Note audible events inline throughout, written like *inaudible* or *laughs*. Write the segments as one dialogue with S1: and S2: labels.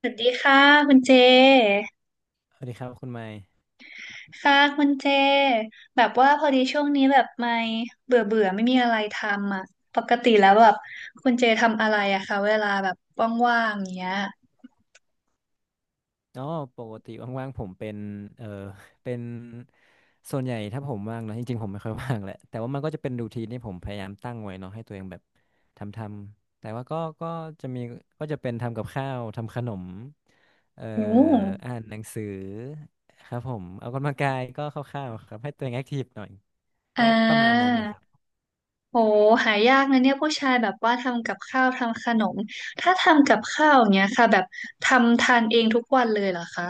S1: สวัสดีค่ะคุณเจ
S2: สวัสดีครับคุณไมค์
S1: ค่ะคุณเจ แบบว่าพอดีช่วงนี้แบบไม่เบื่อเบื่อไม่มีอะไรทำอ่ะ ปกติแล้วแบบคุณเจทำอะไรอะคะเวลาแบบว่างๆอย่างเงี้ย
S2: อ๋อปกติว่างๆผมเป็นเออ *laughs* เป็นส่วนใหญ่ถ้าผมว่างนะจริงๆผมไม่ค่อยว่างแหละแต่ว่ามันก็จะเป็นรูทีนที่ผมพยายามตั้งไว้เนาะให้ตัวเองแบบทำแต่ว่าก็จะมีก็จะเป็นทำกับข้าวทำขนมเอ่อ
S1: โอ้
S2: อ่านหนังสือครับผมเอากำลังกายก็คร่าวๆครับให้ตัวเองแอคทีฟหน่อย
S1: อ่
S2: ก็ประมาณนั้
S1: า
S2: นนะครับ
S1: โหหายากนะเนี่ยผู้ชายแบบว่าทำกับข้าวทำขนมถ้าทำกับข้าวอย่างเงี้ยค่ะแบบทำทานเองทุกวันเลยเหรอคะ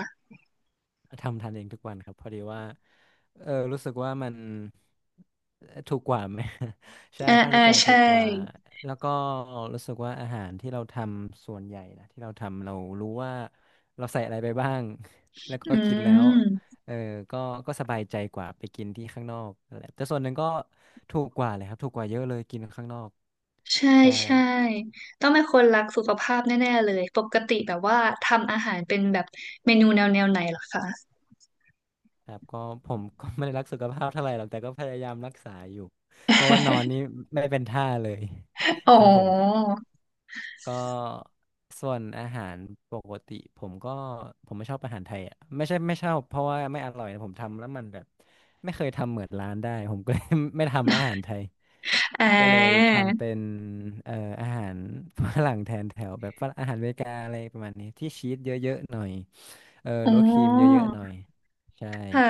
S2: ทำทานเองทุกวันครับพอดีว่าเออรู้สึกว่ามันถูกกว่าไหม *laughs* ใช่
S1: อ่า
S2: ค่าใช้
S1: อ่า
S2: จ่ายถู
S1: ใช่
S2: กกว่าแล้วก็รู้สึกว่าอาหารที่เราทำส่วนใหญ่นะที่เราทำเรารู้ว่าเราใส่อะไรไปบ้าง *laughs* แล้วก็
S1: อื
S2: กินแล้ว
S1: ม
S2: เออก็ก็สบายใจกว่าไปกินที่ข้างนอกนั่นแหละแต่ส่วนหนึ่งก็ถูกกว่าเลยครับถูกกว่าเยอะเลยกินข้างนอก
S1: ใช่
S2: ใช่
S1: ใช่ต้องเป็นคนรักสุขภาพแน่ๆเลยปกติแบบว่าทำอาหารเป็นแบบเมนูแนวแนวไหนเหรอคะ
S2: ครับก็ *laughs* ผมก็ไม่ได้รักสุขภาพเท่าไหร่หรอกแต่ก็พยายามรักษาอยู่เพราะว่านอนนี่ไม่เป็นท่าเลย
S1: *laughs* อ๋
S2: *laughs*
S1: อ
S2: ครับผมก็ส่วนอาหารปกติผมก็ผมไม่ชอบอาหารไทยอ่ะไม่ใช่ไม่ชอบเพราะว่าไม่อร่อยนะผมทำแล้วมันแบบไม่เคยทำเหมือนร้านได้ผมก็เลย *laughs* ไม่ทำแล้วอาหารไทย
S1: อ่
S2: ก็เลย
S1: า
S2: ทำเป็นเอ่ออาหารฝรั่งแทนแถวแบบฝรั่งอาหารอเมริกาอะไรประมาณนี้ที่ชีสเยอะๆหน่อยเออห
S1: อ๋อ
S2: รือว่าครีมเยอะๆหน่อยใช่
S1: ค่ะ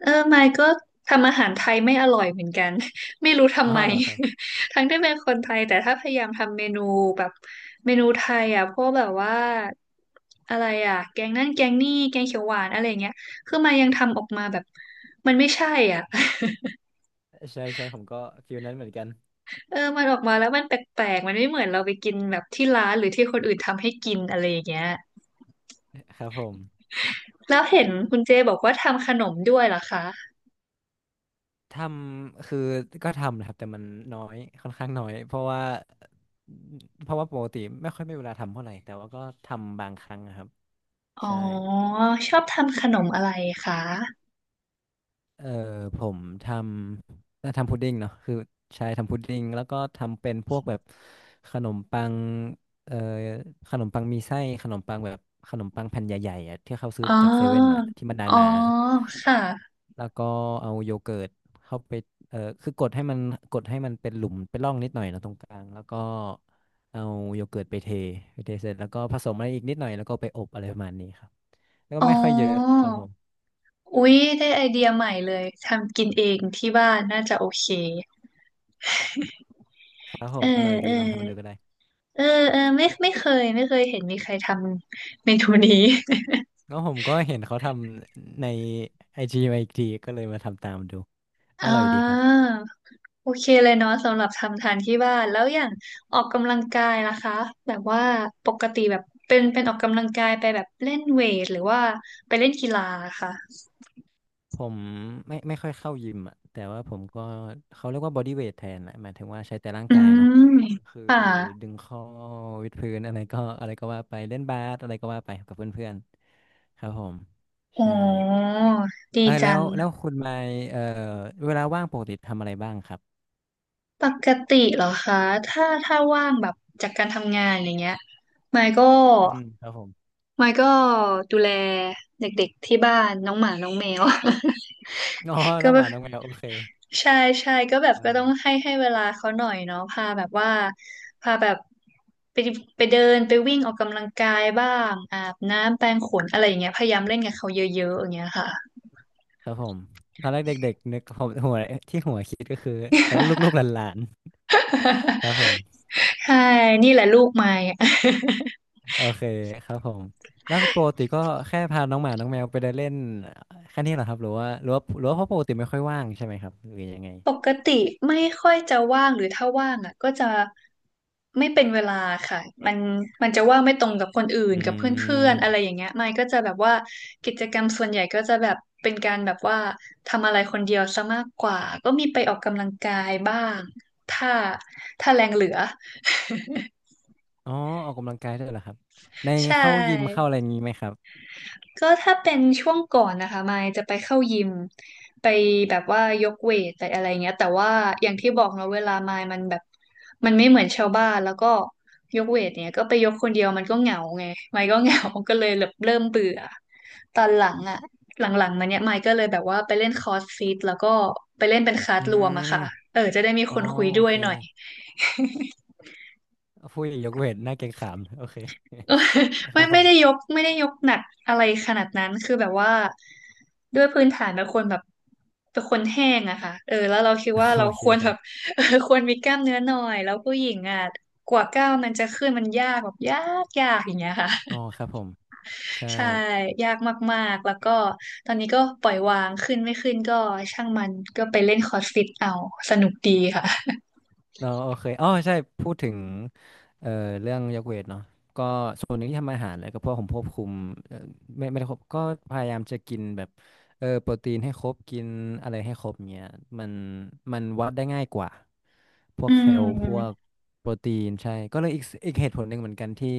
S1: เออไมค์ก็ทำอาหารไทยไม่อร่อยเหมือนกัน *laughs* ไม่รู้ทำ
S2: อ๋อ
S1: ไม
S2: เหรอครับ
S1: *laughs* ทั้งที่เป็นคนไทยแต่ถ้าพยายามทำเมนูแบบเมนูไทยอ่ะพวกแบบว่าอะไรอ่ะแกงนั่นแกงนี่แกงเขียวหวานอะไรเงี้ยคือไมายังทำออกมาแบบมันไม่ใช่อ่ะ *laughs*
S2: ใช่ใช่ผมก็ฟิลนั้นเหมือนกัน
S1: เออ มันออกมาแล้วมันแปลกๆมันไม่เหมือนเราไปกินแบบที่ร้านหรือที่คนอื่นทำให้กินอะไรอย่างเงี้ย
S2: *laughs* ครับผม
S1: แล้วเห็นคุณเจบอกว่าทำขนมด้วยเหรอคะ
S2: ทำคือก็ทำนะครับแต่มันน้อยค่อนข้างน้อยเพราะว่าปกติไม่ค่อยมีเวลาทำเท่าไหร่แต่ว่าก็ทำบางครั้งนะครับ
S1: อ๋อ
S2: ใช่
S1: ชอบทำขนมอะไรคะ
S2: เออผมทำน่าทำพุดดิ้งเนาะคือใช่ทำพุดดิ้งแล้วก็ทำเป็นพวกแบบขนมปังเอ่อขนมปังมีไส้ขนมปังแบบขนมปังแผ่นใหญ่ๆอะที่เขาซื้อ
S1: อ๋อ
S2: จากเซเว่นอะที่มัน
S1: อ๋อ
S2: หนา
S1: ค่ะ
S2: ๆแล้วก็เอาโยเกิร์ตเข้าไปคือกดให้มันเป็นหลุมเป็นร่องนิดหน่อยเนอะตรงกลางแล้วก็เอาโยเกิร์ตไปเทเสร็จแล้วก็ผสมอะไรอีกนิดหน่อยแล้วก็ไปอบอะไรประมาณนี้ครับแล้วก็
S1: อ๋
S2: ไม่ค่อยเยอะ
S1: อ
S2: ครับผม
S1: อุ๊ยได้ไอเดียใหม่เลยทำกินเองที่บ้านน่าจะโอเค
S2: ครับผ
S1: เออ
S2: มอร่อยดี
S1: เออ
S2: ลองทำดูก็ได้
S1: เออเออไม่ไม่เคยไม่เคยเห็นมีใครทำเมนูนี้ *laughs*
S2: ก็ผมก็เห็นเขาทำในไอจีมาอีกทีก็เลยมาทำตามดูอ
S1: อ่
S2: ร่อยดีครับ
S1: าโอเคเลยเนาะสำหรับทำทานที่บ้านแล้วอย่างออกกำลังกายล่ะคะแบบว่าปกติแบบเป็นออกกำลังกายไปแบบเล่นเวทหรือว่าไปเล่นกีฬาค่ะ
S2: ผมไม่ค่อยเข้ายิมอ่ะแต่ว่าผมก็เขาเรียกว่าบอดี้เวทแทนแหละหมายถึงว่าใช้แต่ร่าง
S1: อื
S2: กายเนาะ
S1: ม
S2: คือ
S1: ค่ะ
S2: ดึงข้อวิดพื้นอะไรก็อะไรก็ว่าไปเล่นบาสอะไรก็ว่าไปกับเพื่อนๆครับผม
S1: อ๋อ
S2: ใช่
S1: ดี
S2: เออแล้
S1: จั
S2: ว
S1: ง
S2: แล้วคุณไมค์เวลาว่างปกติทำอะไรบ้างครับ
S1: ปกติเหรอคะถ้าว่างแบบจากการทำงานอย่างเงี้ยไมค์ก็
S2: อืมครับผม
S1: ไมค์ก็ดูแลเด็กๆที่บ้านน้องหมาน้องแมว
S2: อ๋อ
S1: *laughs* ก็
S2: น้องหมาน้องแมวโอเค
S1: ใช่ใช่ก็แบบ
S2: ครับ
S1: ก็
S2: ผ
S1: ต้อง
S2: ม
S1: ให้เวลาเขาหน่อยเนาะพาแบบว่าพาแบบไปไปเดินไปวิ่งออกกำลังกายบ้างอาบน้ำแปรงขนอะไรอย่างเงี้ยพยายามเล่นกับเขาเยอะๆอย่างเงี้ยค่ะ
S2: ครับผมตอนแรกเด็กๆนึกผมหัวที่หัวคิดก็คือแล้วลูกๆหลานๆครับ
S1: *laughs*
S2: ผม
S1: ใช่นี่แหละลูกไม้
S2: โอเคครับผมแล้วก็ปกติก็แค่พาน้องหมาน้องแมวไปเดินเล่นแค่นี้เหรอครับหรือว่าเพราะปกติไม่ค่อยว่างใช่ไหมครับหรือยังไง
S1: ปกติไม่ค่อยจะว่างหรือถ้าว่างอ่ะก็จะไม่เป็นเวลาค่ะมันมันจะว่างไม่ตรงกับคนอื่
S2: อื
S1: นกับเพื่อนๆอะไร
S2: ม
S1: อย่างเงี้ยไม่ก็จะแบบว่ากิจกรรมส่วนใหญ่ก็จะแบบเป็นการแบบว่าทำอะไรคนเดียวซะมากกว่าก็มีไปออกกำลังกายบ้างถ้าถ้าแรงเหลือ
S2: อ๋อออกกำลังกายด้วยเหรอครับใน
S1: *laughs* ใช
S2: เข้ายิมเข้า
S1: ่
S2: อะไรอย่างนี้ไหมครับ
S1: ก็ถ้าเป็นช่วงก่อนนะคะมายจะไปเข้ายิมไปแบบว่ายกเวทไปอะไรเงี้ยแต่ว่าอย่างที่บอกเนาะเวลามายมันแบบมันไม่เหมือนชาวบ้านแล้วก็ยกเวทเนี่ยก็ไปยกคนเดียวมันก็เหงาไงมายก็เหงา *laughs* ก็เลยแบบเริ่มเบื่อตอนหลังอะหลังๆมาเนี่ยมายก็เลยแบบว่าไปเล่นคอร์สฟิตแล้วก็ไปเล่นเป็นคลาส
S2: อื
S1: รวมอะค่ะ
S2: ม
S1: เออจะได้มี
S2: อ๋
S1: ค
S2: อ
S1: นคุย
S2: โอ
S1: ด้วย
S2: เค
S1: หน่อย
S2: ผู้หญิงยกเวทหน้าเกรงขามโอเค
S1: *laughs* เออ
S2: *laughs* ค
S1: ไม่
S2: รับผ
S1: ไม่ได้
S2: ม
S1: ยกไม่ได้ยกหนักอะไรขนาดนั้นคือแบบว่าด้วยพื้นฐานเป็นคนแห้งอะค่ะเออแล้วเราคิดว่าเรา
S2: โอเค
S1: ควร
S2: ค
S1: แบ
S2: รั
S1: บ
S2: บ
S1: *laughs* เออควรมีกล้ามเนื้อหน่อยแล้วผู้หญิงอะกว่าก้าวมันจะขึ้นมันยากแบบยากอย่างเงี้ยค่ะ
S2: อ๋อครับผมใช่
S1: *laughs* ใช่ยากมากๆแล้วก็ตอนนี้ก็ปล่อยวางขึ้นไม่ขึ้นก็ช่างมันก็ไปเล่นคอร์สฟิตเอาสนุกดีค่ะ
S2: เนาะโอเคอ๋อใช่พูดถึงเอ่อเรื่องยกเวทเนาะก็ส่วนหนึ่งที่ทำอาหารเลยก็เพราะผมควบคุมเอ่อไม่ได้ควบก็พยายามจะกินแบบเออโปรตีนให้ครบกินอะไรให้ครบเงี้ยมันมันวัดได้ง่ายกว่าพวก
S1: อื
S2: แคลพวก
S1: ม
S2: โปรตีนใช่ก็เลยอีกเหตุผลหนึ่งเหมือนกันที่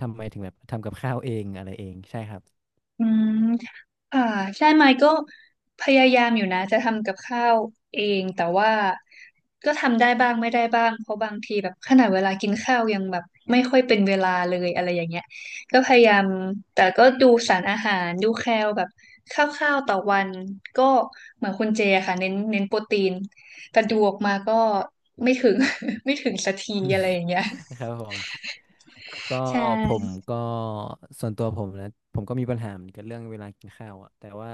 S2: ทำไมถึงแบบทำกับข้าวเองอะไรเองใช่ครับ
S1: อืมค่ะใช่ไหมก็พยายามอยู่นะจะทำกับข้าวเองแต่ว่าก็ทำได้บ้างไม่ได้บ้างเพราะบางทีแบบขนาดเวลากินข้าวยังแบบไม่ค่อยเป็นเวลาเลยอะไรอย่างเงี้ยก็พยายามแต่ก็ดูสารอาหารดูแคลแบบคร่าวๆต่อวันก็เหมือนคุณเจอะค่ะเน้นเน้นโปรตีนแต่ดูออกมาก็ไม่ถึง *laughs* ไม่ถึงสักทีอะไรอย่างเงี้ย
S2: *laughs* ครับผม ก็
S1: ใช
S2: ผม
S1: ่
S2: ก็ส่วนตัวผมนะผมก็มีปัญหาเหมือนกันเรื่องเวลากินข้าวอ่ะแต่ว่า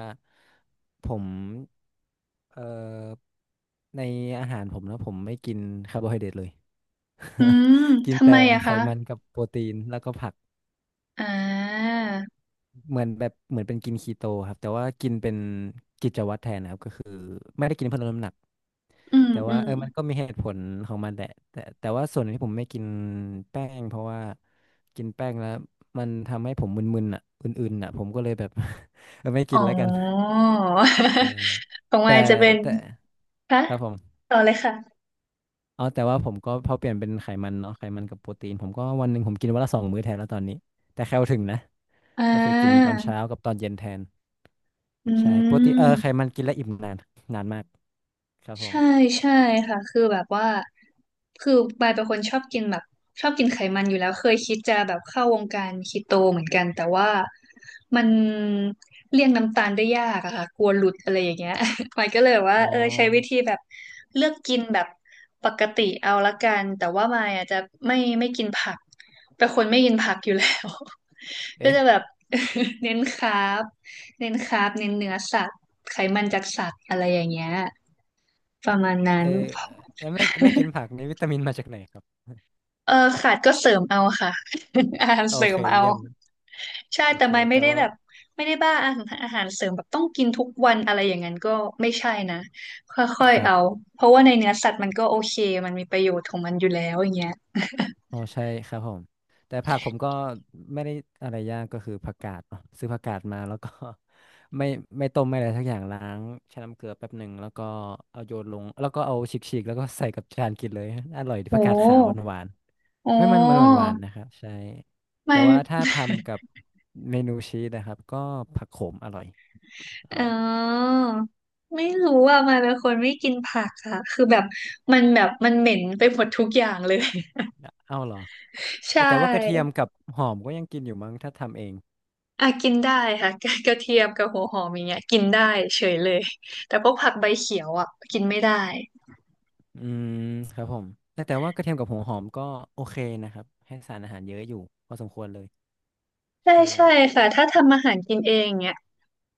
S2: ผมเอ่อในอาหารผมนะผมไม่กินคาร์โบไฮเดรตเลย
S1: อืม
S2: *laughs* กิน
S1: ทำ
S2: แต่
S1: ไมอะ
S2: ไข
S1: คะ
S2: มันกับโปรตีนแล้วก็ผัก
S1: อ่า
S2: เหมือนแบบเหมือนเป็นกินคีโตครับแต่ว่ากินเป็นกิจวัตรแทนนะครับก็คือไม่ได้กินเพื่อลดน้ำหนัก
S1: อืม
S2: แต่
S1: อื
S2: ว่า
S1: ม
S2: เออมันก็มีเหตุผลของมันแหละแต่ว่าส่วนที่ผมไม่กินแป้งเพราะว่ากินแป้งแล้วมันทำให้ผมมึนๆอ่ะอื่นๆอ่ะผมก็เลยแบบ *laughs* เออไม่กิ
S1: อ๋
S2: น
S1: อ
S2: แล้วกันใช่
S1: *laughs* ของ
S2: แต่
S1: มายจะเป็น
S2: แต่
S1: คะ
S2: ครับผม
S1: ต่อเลยค่ะ
S2: อ๋อแต่ว่าผมก็พอเปลี่ยนเป็นไขมันเนาะไขมันกับโปรตีนผมก็วันหนึ่งผมกินวันละสองมื้อแทนแล้วตอนนี้แต่แคลถึงนะ
S1: อ่
S2: ก็คือกินตอ
S1: า
S2: นเช้ากับตอนเย็นแทน
S1: อื
S2: ใช่โปกตนเออไข
S1: ม
S2: มันกินแล้วอิ่มนานนานมากครับผม
S1: ใช่ใช่ค่ะคือแบบว่าคือปายเป็นคนชอบกินแบบชอบกินไขมันอยู่แล้วเคยคิดจะแบบเข้าวงการคีโตเหมือนกันแต่ว่ามันเลี่ยงน้ำตาลได้ยากอะค่ะกลัวหลุดอะไรอย่างเงี้ย *laughs* ปายก็เลยแบบว่า
S2: อ๋อ
S1: เออใช้วิธีแบบเลือกกินแบบปกติเอาละกันแต่ว่าปายอาจจะไม่กินผักเป็นคนไม่กินผักอยู่แล้ว *laughs* ก็
S2: เอ๊ะ
S1: จะแบบ *laughs* เน้นคาร์บเน้นคาร์บเน้นเนื้อสัตว์ไขมันจากสัตว์อะไรอย่างเงี้ย ประมาณนั้
S2: เอ
S1: น
S2: อแล้วไม่กินผักนี่วิตามินมาจากไหนครับ
S1: เออขาดก็เสริมเอาค่ะ *laughs* อาหาร
S2: โอ
S1: เสริ
S2: เค
S1: มเอา
S2: เยี่ยม
S1: ใช่
S2: โอ
S1: แต่
S2: เค
S1: ไม่ไม่
S2: แต่
S1: ได้
S2: ว่า
S1: แบบไม่ได้บ้าอาหารอาหารเสริมแบบต้องกินทุกวันอะไรอย่างนั้นก็ไม่ใช่นะค่อย
S2: ค
S1: ๆ
S2: รั
S1: เอา
S2: บ
S1: เพราะว่าในเนื้อสัตว์มันก็โอเคมันมีประโยชน์ของมันอยู่แล้วอย่างเงี้ย
S2: อ๋อใช่ครับผมแต่ผักผมก็ไม่ได้อะไรยากก็คือผักกาดเนอะซื้อผักกาดมาแล้วก็ *laughs* ไม่ไม่ต้มไม่อะไรสักอย่างล้างแช่น้ำเกลือแป๊บหนึ่งแล้วก็เอาโยนลงแล้วก็เอาฉีกๆแล้วก็ใส่กับจานกินเลย *laughs* อร่อยดี
S1: โอ
S2: ผักกาดขาว
S1: ้
S2: หวาน
S1: โอ้
S2: ๆไม่มันมันหวานๆนะครับใช่
S1: ไม่
S2: แต่ว่าถ้าทำกับเมนูชีสนะครับก็ผักโขมอร่อยอ
S1: เ
S2: ร่อย
S1: ออไม่รู้อ่ะมันเป็นคนไม่กินผักอะคือแบบมันแบบมันเหม็นไปหมดทุกอย่างเลย
S2: เอ้าเหรอ
S1: *laughs*
S2: เอ้
S1: ใช่
S2: ยแต่ว่ากระเทียมกับหอมก็ยังกินอยู่มั้งถ้าทำเอง
S1: อ่ะกินได้ค่ะ *laughs* กระเทียมกับหัวหอมอย่างเงี้ยกินได้เฉยเลยแต่พวกผักใบเขียวอ่ะกินไม่ได้
S2: อืมครับผมแต่ว่ากระเทียมกับหัวหอมก็โอเคนะครับให้สารอาหารเยอะอยู่พอสมควรเลย
S1: ใช่
S2: ใช่
S1: ใช่ค่ะถ้าทำอาหารกินเองเนี่ย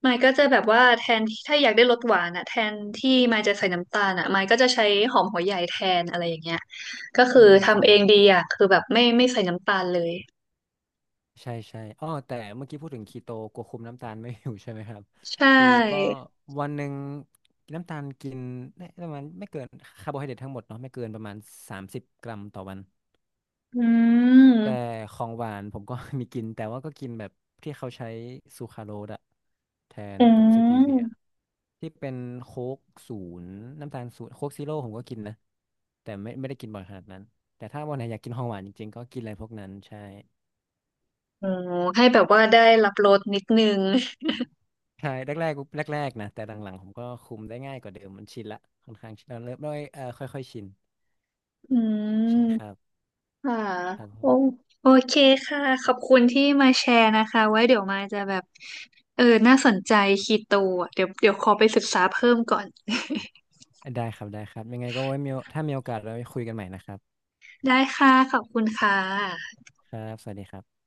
S1: มายก็จะแบบว่าแทนที่ถ้าอยากได้รสหวานอ่ะแทนที่มายจะใส่น้ำตาลอ่ะมายก็จะใช้หอมหัวใหญ่แทนอะไรอย่างเงี้ยก็คื
S2: อื
S1: อ
S2: มครับ
S1: ทำเอ
S2: ผ
S1: ง
S2: ม
S1: ดีอ่ะคือแบบไม่ใส่น้ำตาลเลย
S2: ใช่ใช่อ้อแต่เมื่อกี้พูดถึงคีโตกลัวคุมน้ำตาลไม่อยู่ใช่ไหมครับ
S1: ใช
S2: คือก็
S1: ่
S2: วันหนึ่งกินน้ำตาลกินได้ประมาณไม่เกินคาร์โบไฮเดรตทั้งหมดเนาะไม่เกินประมาณ30 กรัมต่อวัน
S1: อื
S2: แต่
S1: ม
S2: ของหวานผมก็ *laughs* มีกินแต่ว่าก็กินแบบที่เขาใช้ซูคราโรสอะแทน
S1: อื
S2: กับสตีเวีย
S1: ม
S2: ที่เป็นโค้กศูนย์น้ำตาลศูนย์โค้กซีโร่ผมก็กินนะแต่ไม่ได้กินบ่อยขนาดนั้นแต่ถ้าวันไหนอยากกินของหวานจริงๆก็กินอะไรพวกนั้นใช่
S1: โอ้ให้แบบว่าได้รับรสนิดนึง
S2: ใช่แรกๆแรกๆนะแต่หลังๆผมก็คุมได้ง่ายกว่าเดิมมันชินละค่อนข้างชินเราเริ่มด้วยค่อยๆชิน
S1: อืม
S2: ใช่ครับ
S1: ค่ะ
S2: ครับผ
S1: โอ
S2: ม
S1: โอเคค่ะขอบคุณที่มาแชร์นะคะไว้เดี๋ยวมาจะแบบเออน่าสนใจคีโตอ่ะเดี๋ยวขอไปศึกษาเพิ่มก่อน
S2: ได้ครับได้ครับยังไงก็ไว้มีโอถ้ามีโอกาสเราไปคุยกันใหม่นะครับ
S1: *laughs* ได้ค่ะขอบคุณค่ะ
S2: ครับสวัสดีครับ